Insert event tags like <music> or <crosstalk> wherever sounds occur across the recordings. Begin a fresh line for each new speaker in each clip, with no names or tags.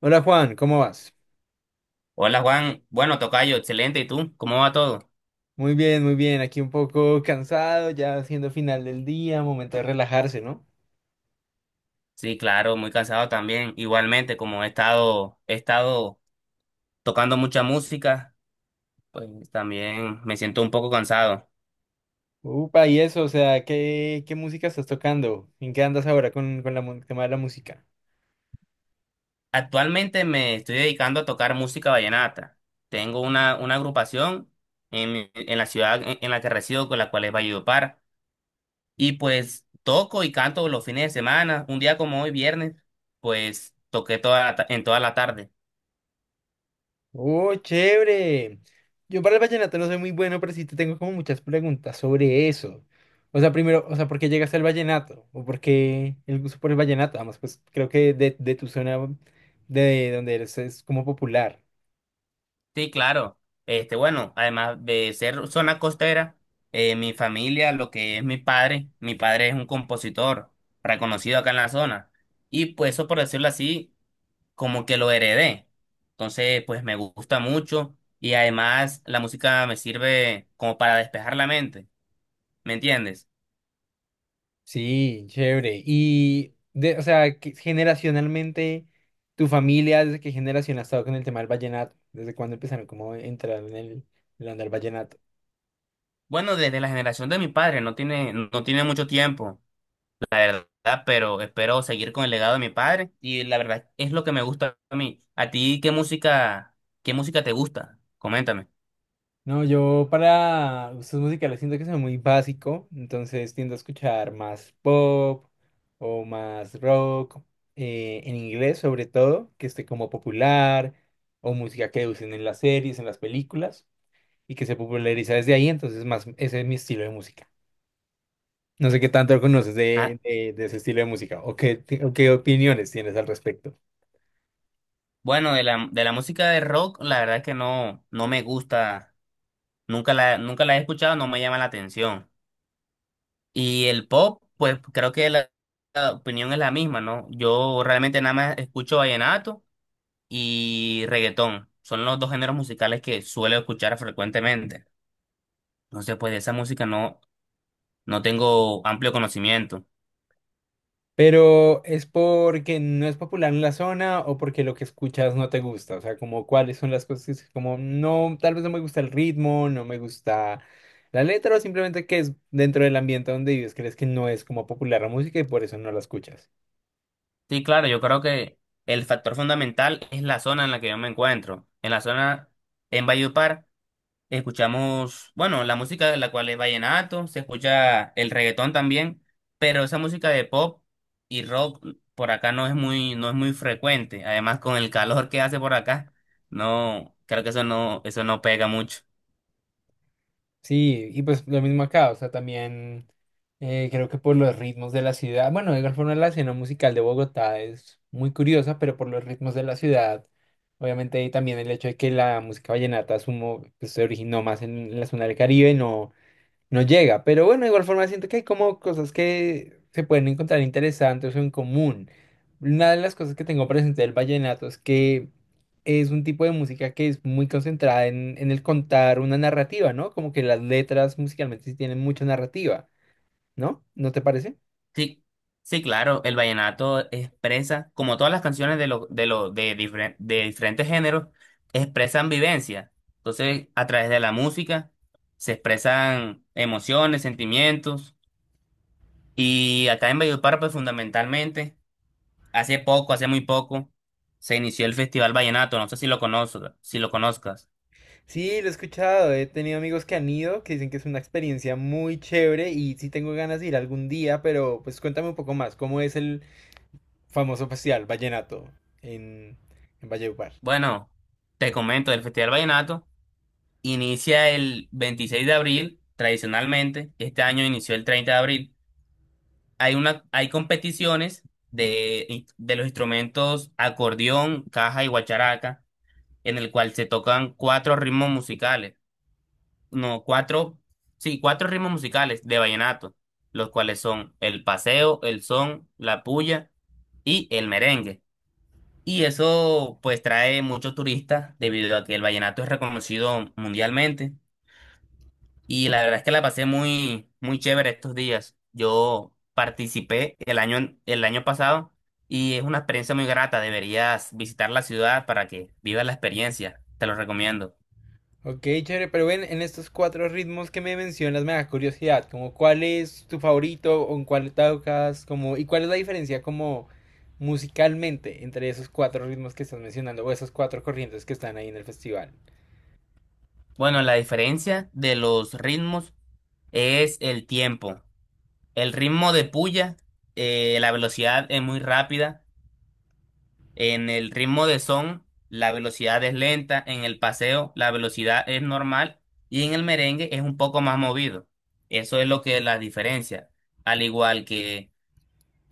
Hola Juan, ¿cómo vas?
Hola Juan, bueno, tocayo, excelente. ¿Y tú? ¿Cómo va todo?
Muy bien, muy bien. Aquí un poco cansado, ya siendo final del día, momento de relajarse, ¿no?
Sí, claro, muy cansado también. Igualmente, como he estado tocando mucha música, pues también me siento un poco cansado.
Upa, y eso, o sea, ¿qué música estás tocando? ¿En qué andas ahora con, tema de la música?
Actualmente me estoy dedicando a tocar música vallenata. Tengo una agrupación en la ciudad en la que resido, con la cual es Valledupar. Y pues toco y canto los fines de semana. Un día como hoy, viernes, pues toqué en toda la tarde.
¡Oh, chévere! Yo para el vallenato no soy muy bueno, pero sí te tengo como muchas preguntas sobre eso. O sea, primero, o sea, ¿por qué llegaste al vallenato? ¿O por qué el gusto por el vallenato? Además, pues creo que de tu zona de donde eres es como popular.
Sí, claro. Bueno, además de ser zona costera, mi familia, lo que es mi padre es un compositor reconocido acá en la zona. Y pues eso, por decirlo así, como que lo heredé. Entonces, pues me gusta mucho y además la música me sirve como para despejar la mente, ¿me entiendes?
Sí, chévere. Y, de, o sea, que generacionalmente, tu familia, ¿desde qué generación ha estado con el tema del vallenato? ¿Desde cuándo empezaron como a entrar en el, en la onda del vallenato?
Bueno, desde la generación de mi padre, no tiene mucho tiempo, la verdad, pero espero seguir con el legado de mi padre y la verdad es lo que me gusta a mí. ¿A ti qué música te gusta? Coméntame.
No, yo para gustos musicales siento que soy muy básico, entonces tiendo a escuchar más pop o más rock, en inglés sobre todo, que esté como popular, o música que usen en las series, en las películas, y que se populariza desde ahí, entonces más, ese es mi estilo de música. No sé qué tanto conoces
Ah,
de, de ese estilo de música o o qué opiniones tienes al respecto.
bueno, de la música de rock, la verdad es que no me gusta, nunca la he escuchado, no me llama la atención. Y el pop, pues creo que la opinión es la misma, ¿no? Yo realmente nada más escucho vallenato y reggaetón. Son los dos géneros musicales que suelo escuchar frecuentemente. Entonces, pues de esa música no tengo amplio conocimiento.
Pero es porque no es popular en la zona o porque lo que escuchas no te gusta. O sea, como cuáles son las cosas que es como no, tal vez no me gusta el ritmo, no me gusta la letra o simplemente que es dentro del ambiente donde vives, crees que no es como popular la música y por eso no la escuchas.
Sí, claro, yo creo que el factor fundamental es la zona en la que yo me encuentro. En la zona, en Valledupar, escuchamos, bueno, la música de la cual es vallenato, se escucha el reggaetón también, pero esa música de pop y rock por acá no es muy frecuente. Además, con el calor que hace por acá, no, creo que eso no pega mucho.
Sí, y pues lo mismo acá, o sea, también creo que por los ritmos de la ciudad, bueno, de igual forma la escena musical de Bogotá es muy curiosa, pero por los ritmos de la ciudad, obviamente y también el hecho de que la música vallenata asumo, pues, se originó más en la zona del Caribe, no llega. Pero bueno, de igual forma siento que hay como cosas que se pueden encontrar interesantes o en común. Una de las cosas que tengo presente del vallenato es que es un tipo de música que es muy concentrada en el contar una narrativa, ¿no? Como que las letras musicalmente sí tienen mucha narrativa, ¿no? ¿No te parece?
Sí, sí, claro, el vallenato expresa, como todas las canciones de diferentes géneros, expresan vivencia. Entonces, a través de la música se expresan emociones, sentimientos. Y acá en Valledupar, pues fundamentalmente, hace muy poco, se inició el Festival Vallenato. No sé si lo conozcas.
Sí, lo he escuchado, he tenido amigos que han ido, que dicen que es una experiencia muy chévere y sí tengo ganas de ir algún día, pero pues cuéntame un poco más, ¿cómo es el famoso festival Vallenato en, en Valledupar?
Bueno, te comento, el Festival Vallenato inicia el 26 de abril, tradicionalmente. Este año inició el 30 de abril. Hay hay competiciones de los instrumentos acordeón, caja y guacharaca, en el cual se tocan cuatro ritmos musicales. No, cuatro, sí, cuatro ritmos musicales de vallenato, los cuales son el paseo, el son, la puya y el merengue. Y eso pues trae muchos turistas debido a que el vallenato es reconocido mundialmente. Y la verdad es que la pasé muy, muy chévere estos días. Yo participé el año pasado y es una experiencia muy grata. Deberías visitar la ciudad para que vivas la experiencia. Te lo recomiendo.
Ok, chévere, pero ven, en estos cuatro ritmos que me mencionas me da curiosidad, como cuál es tu favorito o en cuál tocas, como, y cuál es la diferencia como musicalmente entre esos cuatro ritmos que estás mencionando o esas cuatro corrientes que están ahí en el festival.
Bueno, la diferencia de los ritmos es el tiempo. El ritmo de puya, la velocidad es muy rápida. En el ritmo de son, la velocidad es lenta, en el paseo, la velocidad es normal y en el merengue es un poco más movido. Eso es lo que la diferencia. Al igual que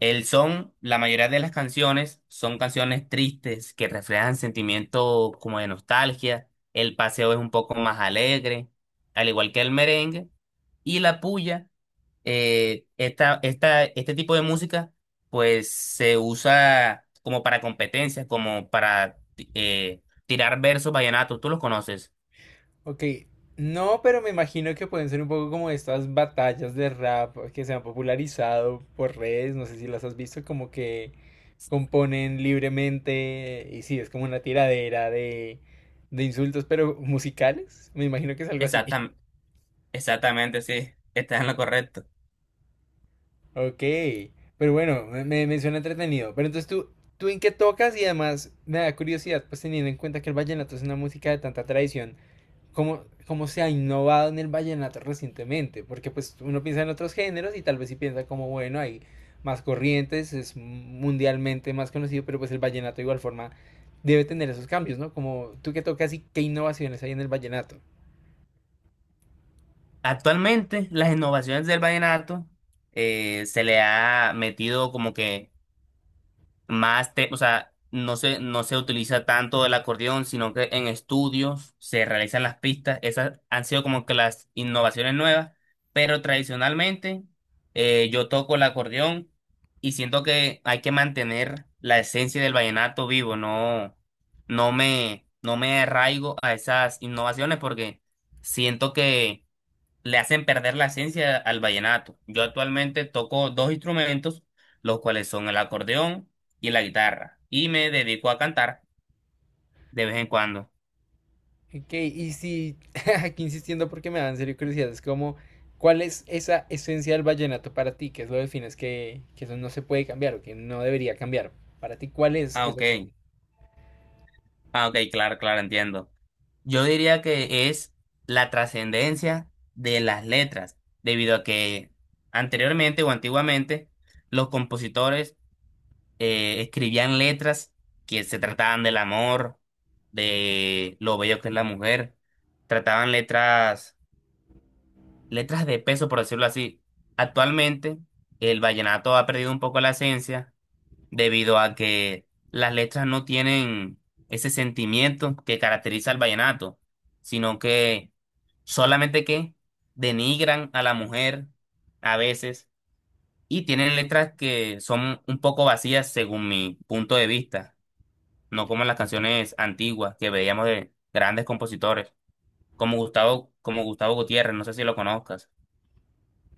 el son, la mayoría de las canciones son canciones tristes que reflejan sentimientos como de nostalgia. El paseo es un poco más alegre, al igual que el merengue. Y la puya, este tipo de música pues se usa como para competencias, tirar versos vallenatos. ¿Tú los conoces?
Ok, no, pero me imagino que pueden ser un poco como estas batallas de rap que se han popularizado por redes, no sé si las has visto, como que componen libremente y sí, es como una tiradera de insultos, pero musicales, me imagino que es algo así. <laughs>
Exactam- Exactamente, sí, <laughs> estás en lo correcto.
Ok, pero bueno, me suena entretenido. Pero entonces tú, ¿tú en qué tocas? Y además me da curiosidad, pues teniendo en cuenta que el vallenato es una música de tanta tradición. Cómo, cómo se ha innovado en el vallenato recientemente, porque pues uno piensa en otros géneros y tal vez sí piensa como, bueno, hay más corrientes, es mundialmente más conocido, pero pues el vallenato de igual forma debe tener esos cambios, ¿no? Como tú que tocas y qué innovaciones hay en el vallenato.
Actualmente las innovaciones del vallenato, se le ha metido como que más, o sea, no se utiliza tanto el acordeón, sino que en estudios se realizan las pistas. Esas han sido como que las innovaciones nuevas, pero tradicionalmente, yo toco el acordeón y siento que hay que mantener la esencia del vallenato vivo, no, no me arraigo a esas innovaciones porque siento que le hacen perder la esencia al vallenato. Yo actualmente toco dos instrumentos, los cuales son el acordeón y la guitarra, y me dedico a cantar de vez en cuando.
Ok, y si <laughs> aquí insistiendo porque me da en serio curiosidad, es como, ¿cuál es esa esencia del vallenato para ti? ¿Qué es lo que defines que eso no se puede cambiar o que no debería cambiar? Para ti, ¿cuál es
Ah,
esa
ok.
esencia?
Ah, ok, claro, claro, entiendo. Yo diría que es la trascendencia de las letras, debido a que anteriormente o antiguamente los compositores, escribían letras que se trataban del amor, de lo bello que es la mujer, trataban letras de peso, por decirlo así. Actualmente, el vallenato ha perdido un poco la esencia debido a que las letras no tienen ese sentimiento que caracteriza al vallenato, sino que solamente que denigran a la mujer a veces y tienen letras que son un poco vacías según mi punto de vista, no como las canciones antiguas que veíamos de grandes compositores, como Gustavo Gutiérrez, no sé si lo conozcas.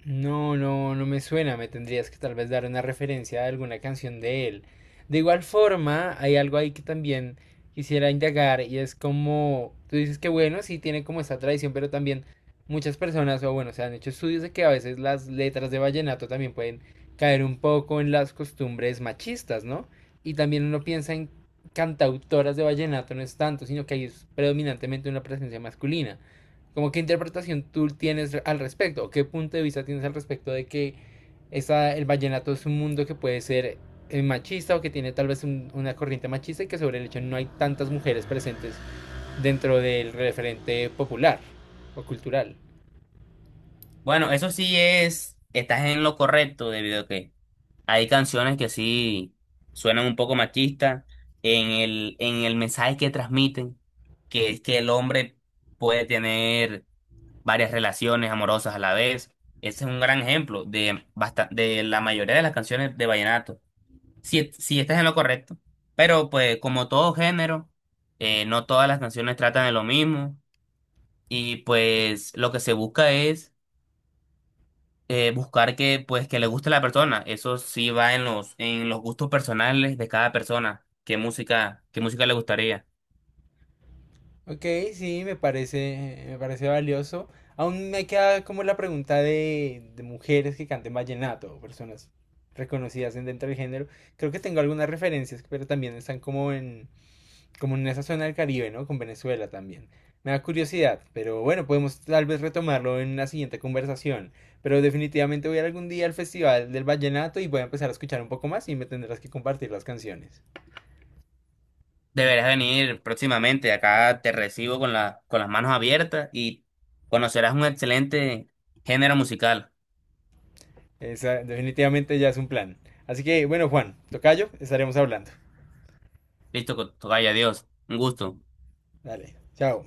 No, no, no me suena. Me tendrías que tal vez dar una referencia a alguna canción de él. De igual forma, hay algo ahí que también quisiera indagar y es como, tú dices que bueno, sí tiene como esta tradición, pero también muchas personas, o bueno, se han hecho estudios de que a veces las letras de vallenato también pueden caer un poco en las costumbres machistas, ¿no? Y también uno piensa en cantautoras de vallenato, no es tanto, sino que ahí es predominantemente una presencia masculina. Como qué interpretación tú tienes al respecto, o qué punto de vista tienes al respecto de que esa, el vallenato es un mundo que puede ser machista o que tiene tal vez una corriente machista y que sobre el hecho no hay tantas mujeres presentes dentro del referente popular o cultural.
Bueno, estás en lo correcto debido a que hay canciones que sí suenan un poco machistas en el mensaje que transmiten, que es que el hombre puede tener varias relaciones amorosas a la vez. Ese es un gran ejemplo de la mayoría de las canciones de vallenato. Si estás en lo correcto, pero pues como todo género, no todas las canciones tratan de lo mismo y pues lo que se busca es, buscar que pues que le guste a la persona. Eso sí va en los gustos personales de cada persona. ¿Qué música le gustaría?
Ok, sí, me parece valioso. Aún me queda como la pregunta de mujeres que canten vallenato, o personas reconocidas dentro del género. Creo que tengo algunas referencias, pero también están como en, comunización al Caribe, ¿no? Con Venezuela también. Me da curiosidad, pero bueno, podemos tal vez retomarlo en una siguiente conversación. Pero definitivamente voy a ir algún día al Festival del Vallenato y voy a empezar a escuchar un poco más y me tendrás que compartir las canciones.
Deberás venir próximamente. Acá te recibo con con las manos abiertas y conocerás un excelente género musical.
Esa definitivamente ya es un plan. Así que bueno, Juan, tocayo, estaremos hablando.
Listo, tocayo, adiós. Un gusto.
Dale, chao.